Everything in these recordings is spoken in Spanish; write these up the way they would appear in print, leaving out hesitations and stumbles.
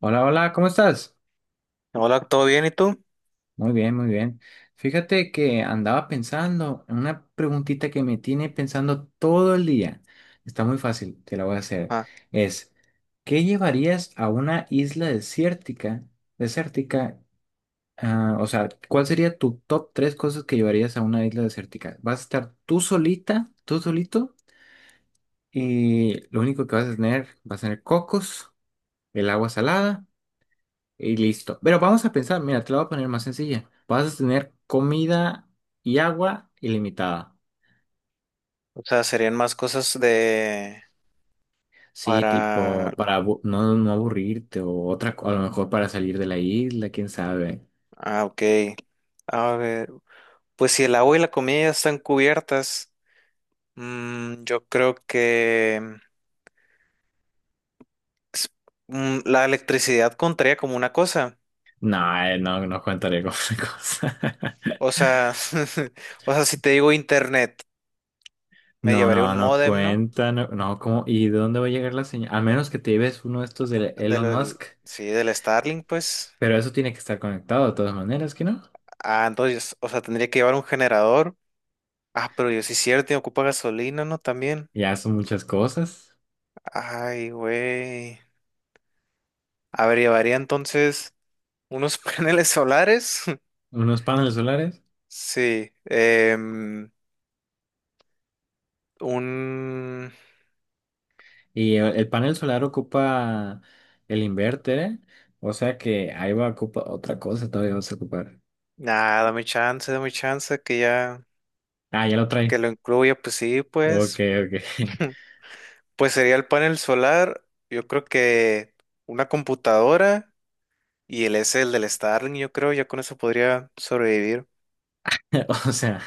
Hola, ¿cómo estás? Hola, ¿todo bien? ¿Y tú? Muy bien, muy bien. Fíjate que andaba pensando en una preguntita que me tiene pensando todo el día. Está muy fácil, te la voy a hacer. Ah, Es, ¿Qué llevarías a una isla desértica? Desértica, o sea, ¿cuál sería tu top tres cosas que llevarías a una isla desértica? Vas a estar tú solita, tú solito, y lo único que vas a tener cocos, el agua salada. Y listo. Pero vamos a pensar, mira, te lo voy a poner más sencilla. Vas a tener comida y agua ilimitada. o sea, serían más cosas de Sí, para. tipo, para no aburrirte o otra, a lo mejor para salir de la isla, quién sabe. Ah, ok. A ver, pues si el agua y la comida ya están cubiertas, yo creo que s- la electricidad contaría como una cosa. No, no, no contaré con cosa. O sea, o sea, si te digo internet, me No, llevaría no, un no módem, ¿no? cuenta, no, no, ¿cómo? ¿Y de dónde va a llegar la señal? A menos que te lleves uno de estos de Elon Del, Musk, sí, del Starlink, pues. pero eso tiene que estar conectado de todas maneras, ¿que no? Ah, entonces, o sea, tendría que llevar un generador. Ah, pero yo sí es cierto, y ocupa gasolina, ¿no? También. Ya son muchas cosas, Ay, güey. A ver, llevaría entonces unos paneles solares. unos paneles solares. Sí. Un. Y el panel solar ocupa el inverter, o sea que ahí va a ocupar otra cosa, todavía vas a ocupar. Nada, dame chance que ya. Ah, ya lo Que trae. lo incluya, pues sí, Ok, pues. ok. Pues sería el panel solar. Yo creo que una computadora y el del Starlink, yo creo, ya con eso podría sobrevivir. O sea,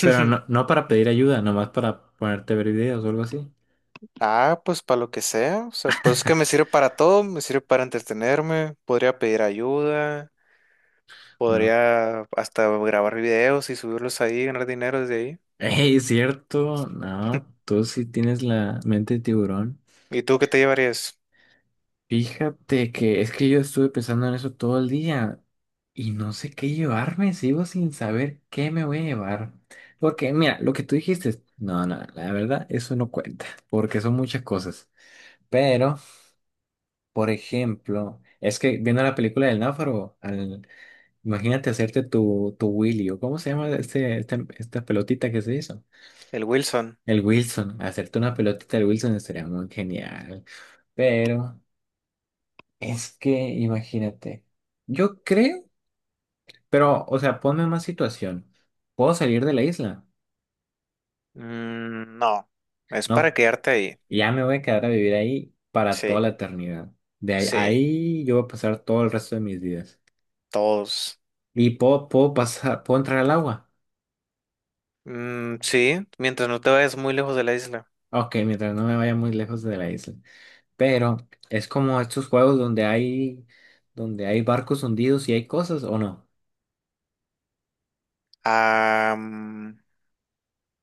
pero no, no para pedir ayuda, nomás para ponerte a ver videos o algo así. Ah, pues para lo que sea, o sea, pues es que me sirve para todo, me sirve para entretenerme, podría pedir ayuda. No. Podría hasta grabar videos y subirlos ahí, ganar dinero desde ahí. Ey, cierto. No, tú sí tienes la mente de tiburón. ¿Y tú qué te llevarías? Fíjate que es que yo estuve pensando en eso todo el día y no sé qué llevarme, sigo sin saber qué me voy a llevar. Porque mira, lo que tú dijiste, no, no, la verdad, eso no cuenta, porque son muchas cosas. Pero, por ejemplo, es que viendo la película del náufrago, imagínate hacerte tu Willy, o cómo se llama esta pelotita que se hizo. El Wilson. El Wilson, hacerte una pelotita del Wilson estaría muy genial. Pero... Es que imagínate. Yo creo, pero, o sea, ponme en más situación. Puedo salir de la isla. Mm, no, es para No, quedarte ahí. ya me voy a quedar a vivir ahí para toda la Sí, eternidad. De ahí, sí, ahí yo voy a pasar todo el resto de mis días. todos. Y puedo, puedo pasar, puedo entrar al agua. Mm, sí, mientras no te vayas muy lejos de la isla. Ok, mientras no me vaya muy lejos de la isla. Pero es como estos juegos donde hay barcos hundidos y hay cosas, ¿o no? Ah, mm,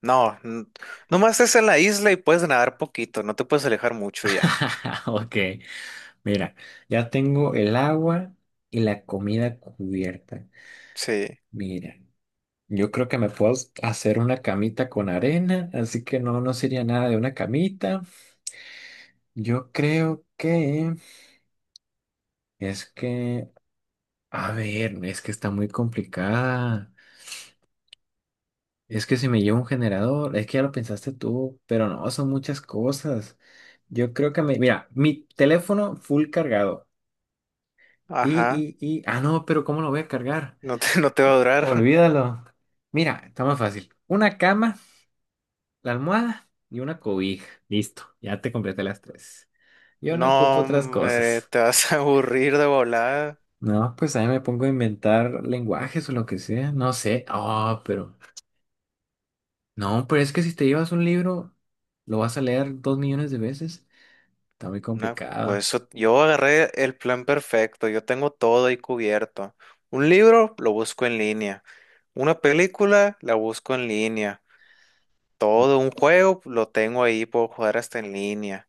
no, nomás es en la isla y puedes nadar poquito, no te puedes alejar mucho ya. Ok, mira, ya tengo el agua y la comida cubierta. Sí, Mira, yo creo que me puedo hacer una camita con arena, así que no, no sería nada de una camita. Yo creo que es que, a ver, es que está muy complicada. Es que si me llevo un generador, es que ya lo pensaste tú, pero no, son muchas cosas. Yo creo que mira, mi teléfono full cargado. Ajá, Ah, no, pero ¿cómo lo voy a cargar? no te, no te va a durar. Olvídalo. Mira, está más fácil. Una cama. La almohada y una cobija. Listo, ya te completé las tres. Yo no ocupo No, otras hombre, cosas. te vas a aburrir de volada. No, pues ahí me pongo a inventar lenguajes o lo que sea. No sé. Ah, pero. No, pero es que si te llevas un libro, lo vas a leer 2 millones de veces. Está muy Una, complicado. pues eso- yo agarré el plan perfecto, yo tengo todo ahí cubierto. Un libro lo busco en línea, una película la busco en línea, todo un juego lo tengo ahí, puedo jugar hasta en línea.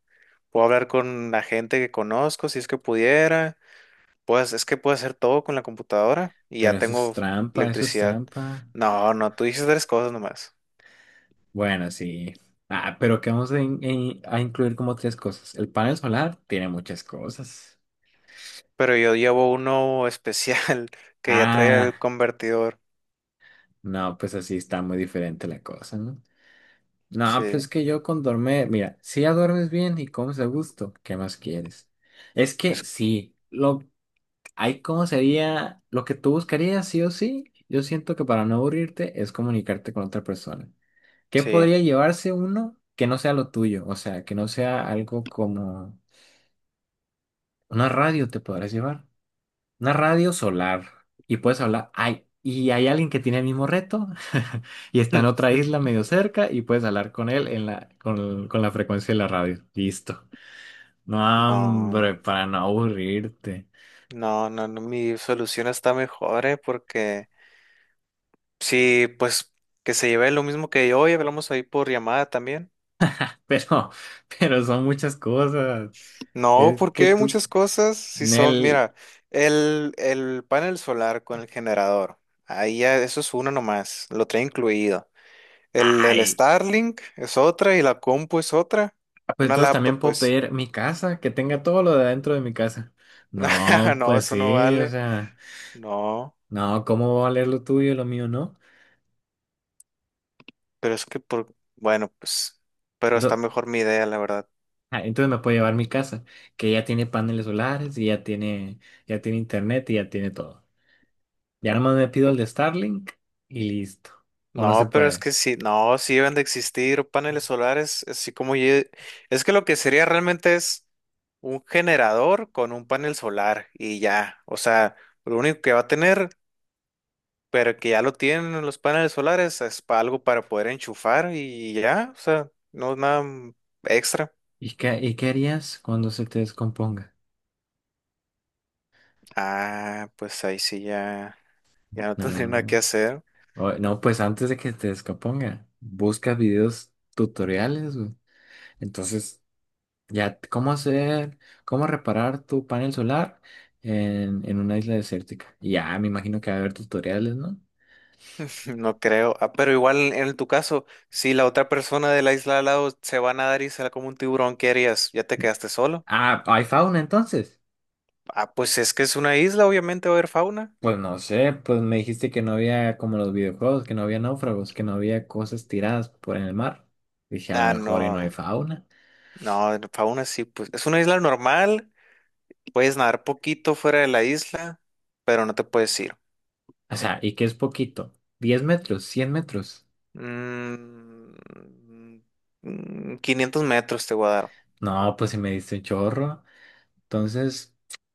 Puedo hablar con la gente que conozco si es que pudiera. Pues es que puedo hacer todo con la computadora y ya Pero eso es tengo trampa, eso es electricidad. trampa. No, no, tú dices tres cosas nomás. Bueno, sí. Ah, pero qué vamos a incluir como tres cosas. El panel solar tiene muchas cosas. Pero yo llevo uno especial que ya trae el Ah, convertidor. no, pues así está muy diferente la cosa, ¿no? No, pero Sí, es que yo con dormir, mira, si ya duermes bien y comes a gusto, ¿qué más quieres? Es que pues sí, hay como sería, lo que tú buscarías sí o sí, yo siento que para no aburrirte es comunicarte con otra persona. ¿Qué sí. podría llevarse uno que no sea lo tuyo? O sea, que no sea algo como una radio te podrás llevar. Una radio solar. Y puedes hablar. Ay, y hay alguien que tiene el mismo reto y está en otra isla medio cerca y puedes hablar con él en con la frecuencia de la radio. Listo. No, hombre, No, para no aburrirte. no, no, no, mi solución está mejor, ¿eh? Porque sí, pues que se lleve lo mismo que yo y hablamos ahí por llamada también. Pero, pero son muchas cosas. No, Es que porque tú, muchas cosas, si son, Nel, mira, el panel solar con el generador, ahí ya, eso es uno nomás, lo trae incluido. El ay. Starlink es otra y la compu es otra. Ah, pues Una entonces laptop, también puedo pues, pedir mi casa, que tenga todo lo de adentro de mi casa. No, no, pues eso no sí, o vale. sea, No, no, ¿cómo va a valer lo tuyo y lo mío, no? pero es que por, bueno, pues, pero está mejor mi idea, la verdad. Ah, entonces me puedo llevar mi casa, que ya tiene paneles solares y ya tiene internet y ya tiene todo. Ya nomás me pido el de Starlink y listo. O no se No, pero es puede. que sí, no, sí deben de existir paneles solares, así como es que lo que sería realmente es un generador con un panel solar y ya, o sea, lo único que va a tener, pero que ya lo tienen en los paneles solares, es algo para poder enchufar y ya, o sea, no es nada extra. Y qué harías cuando se te descomponga? Ah, pues ahí sí ya, ya no tendría nada que No, hacer. No, pues antes de que te descomponga, buscas videos tutoriales, güey. Entonces, ya, ¿cómo hacer, cómo reparar tu panel solar en una isla desértica? Y ya, me imagino que va a haber tutoriales, ¿no? No creo. Ah, pero igual en tu caso, si la otra persona de la isla al lado se va a nadar y sale como un tiburón, ¿qué harías? ¿Ya te quedaste solo? Ah, hay fauna entonces. Ah, pues es que es una isla, obviamente va a haber fauna. Pues no sé, pues me dijiste que no había como los videojuegos, que no había náufragos, que no había cosas tiradas por en el mar. Dije, a lo Ah, mejor y no hay no. fauna. No, fauna sí, pues es una isla normal. Puedes nadar poquito fuera de la isla, pero no te puedes ir. O sea, ¿y qué es poquito? ¿10 metros? ¿100 metros? Mm, 500 metros te voy a dar. No, pues si me diste un chorro. Entonces,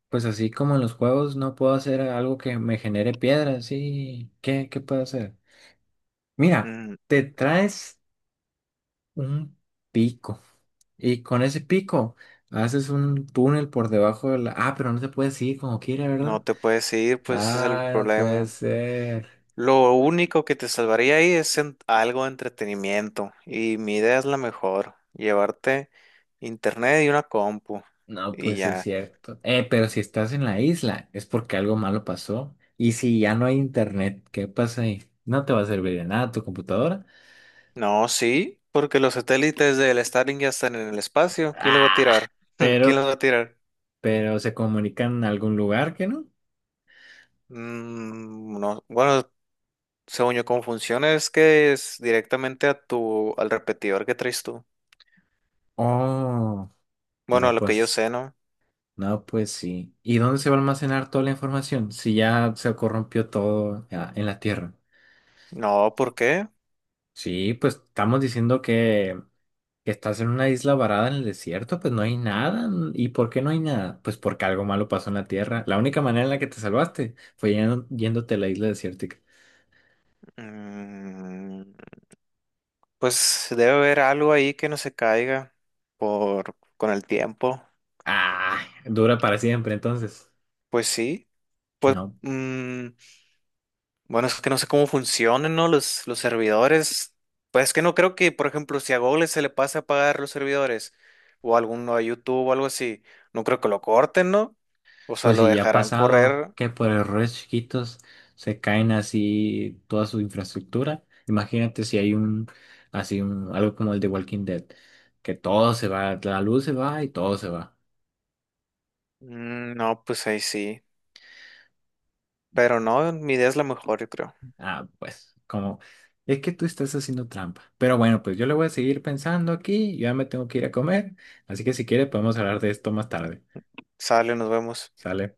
pues así como en los juegos, no puedo hacer algo que me genere piedras. ¿Sí? ¿Qué, qué puedo hacer? Mira, Mm, te traes un pico y con ese pico haces un túnel por debajo de la... Ah, pero no se puede seguir como quiera, no ¿verdad? te puedes ir, pues ese es el Ah, no puede problema. ser. Lo único que te salvaría ahí es algo de entretenimiento. Y mi idea es la mejor. Llevarte internet y una compu. No, Y pues sí es ya. cierto. Pero si estás en la isla, es porque algo malo pasó. Y si ya no hay internet, ¿qué pasa ahí? No te va a servir de nada tu computadora. No, sí, porque los satélites del Starlink ya están en el espacio. ¿Quién los va a Ah, tirar? ¿Quién los pero, va a tirar? pero se comunican en algún lugar que no. Mm, no. Bueno, según yo, cómo funciona es que es directamente al repetidor que traes tú. Oh, Bueno, a no, lo que yo pues, sé, ¿no? no, pues sí. ¿Y dónde se va a almacenar toda la información si ya se corrompió todo ah, en la Tierra? No, ¿por qué? Sí, pues estamos diciendo que estás en una isla varada en el desierto, pues no hay nada. ¿No? ¿Y por qué no hay nada? Pues porque algo malo pasó en la Tierra. La única manera en la que te salvaste fue yéndote a la isla desértica. Mm. Pues debe haber algo ahí que no se caiga por con el tiempo. Ah, dura para siempre entonces. Pues sí, pues No. mm, bueno, es que no sé cómo funcionan, ¿no? Los servidores. Pues es que no creo que, por ejemplo, si a Google se le pasa a apagar los servidores o a alguno a YouTube o algo así, no creo que lo corten, ¿no? O sea, Pues lo si ya ha dejarán pasado correr. que por errores chiquitos se caen así toda su infraestructura. Imagínate si hay algo como el de Walking Dead, que todo se va, la luz se va y todo se va. Mm, no, pues ahí sí. Pero no, mi idea es la mejor, yo creo. Ah, pues, como es que tú estás haciendo trampa. Pero bueno, pues yo le voy a seguir pensando aquí, yo ya me tengo que ir a comer, así que si quieres podemos hablar de esto más tarde. Sale, nos vemos. ¿Sale?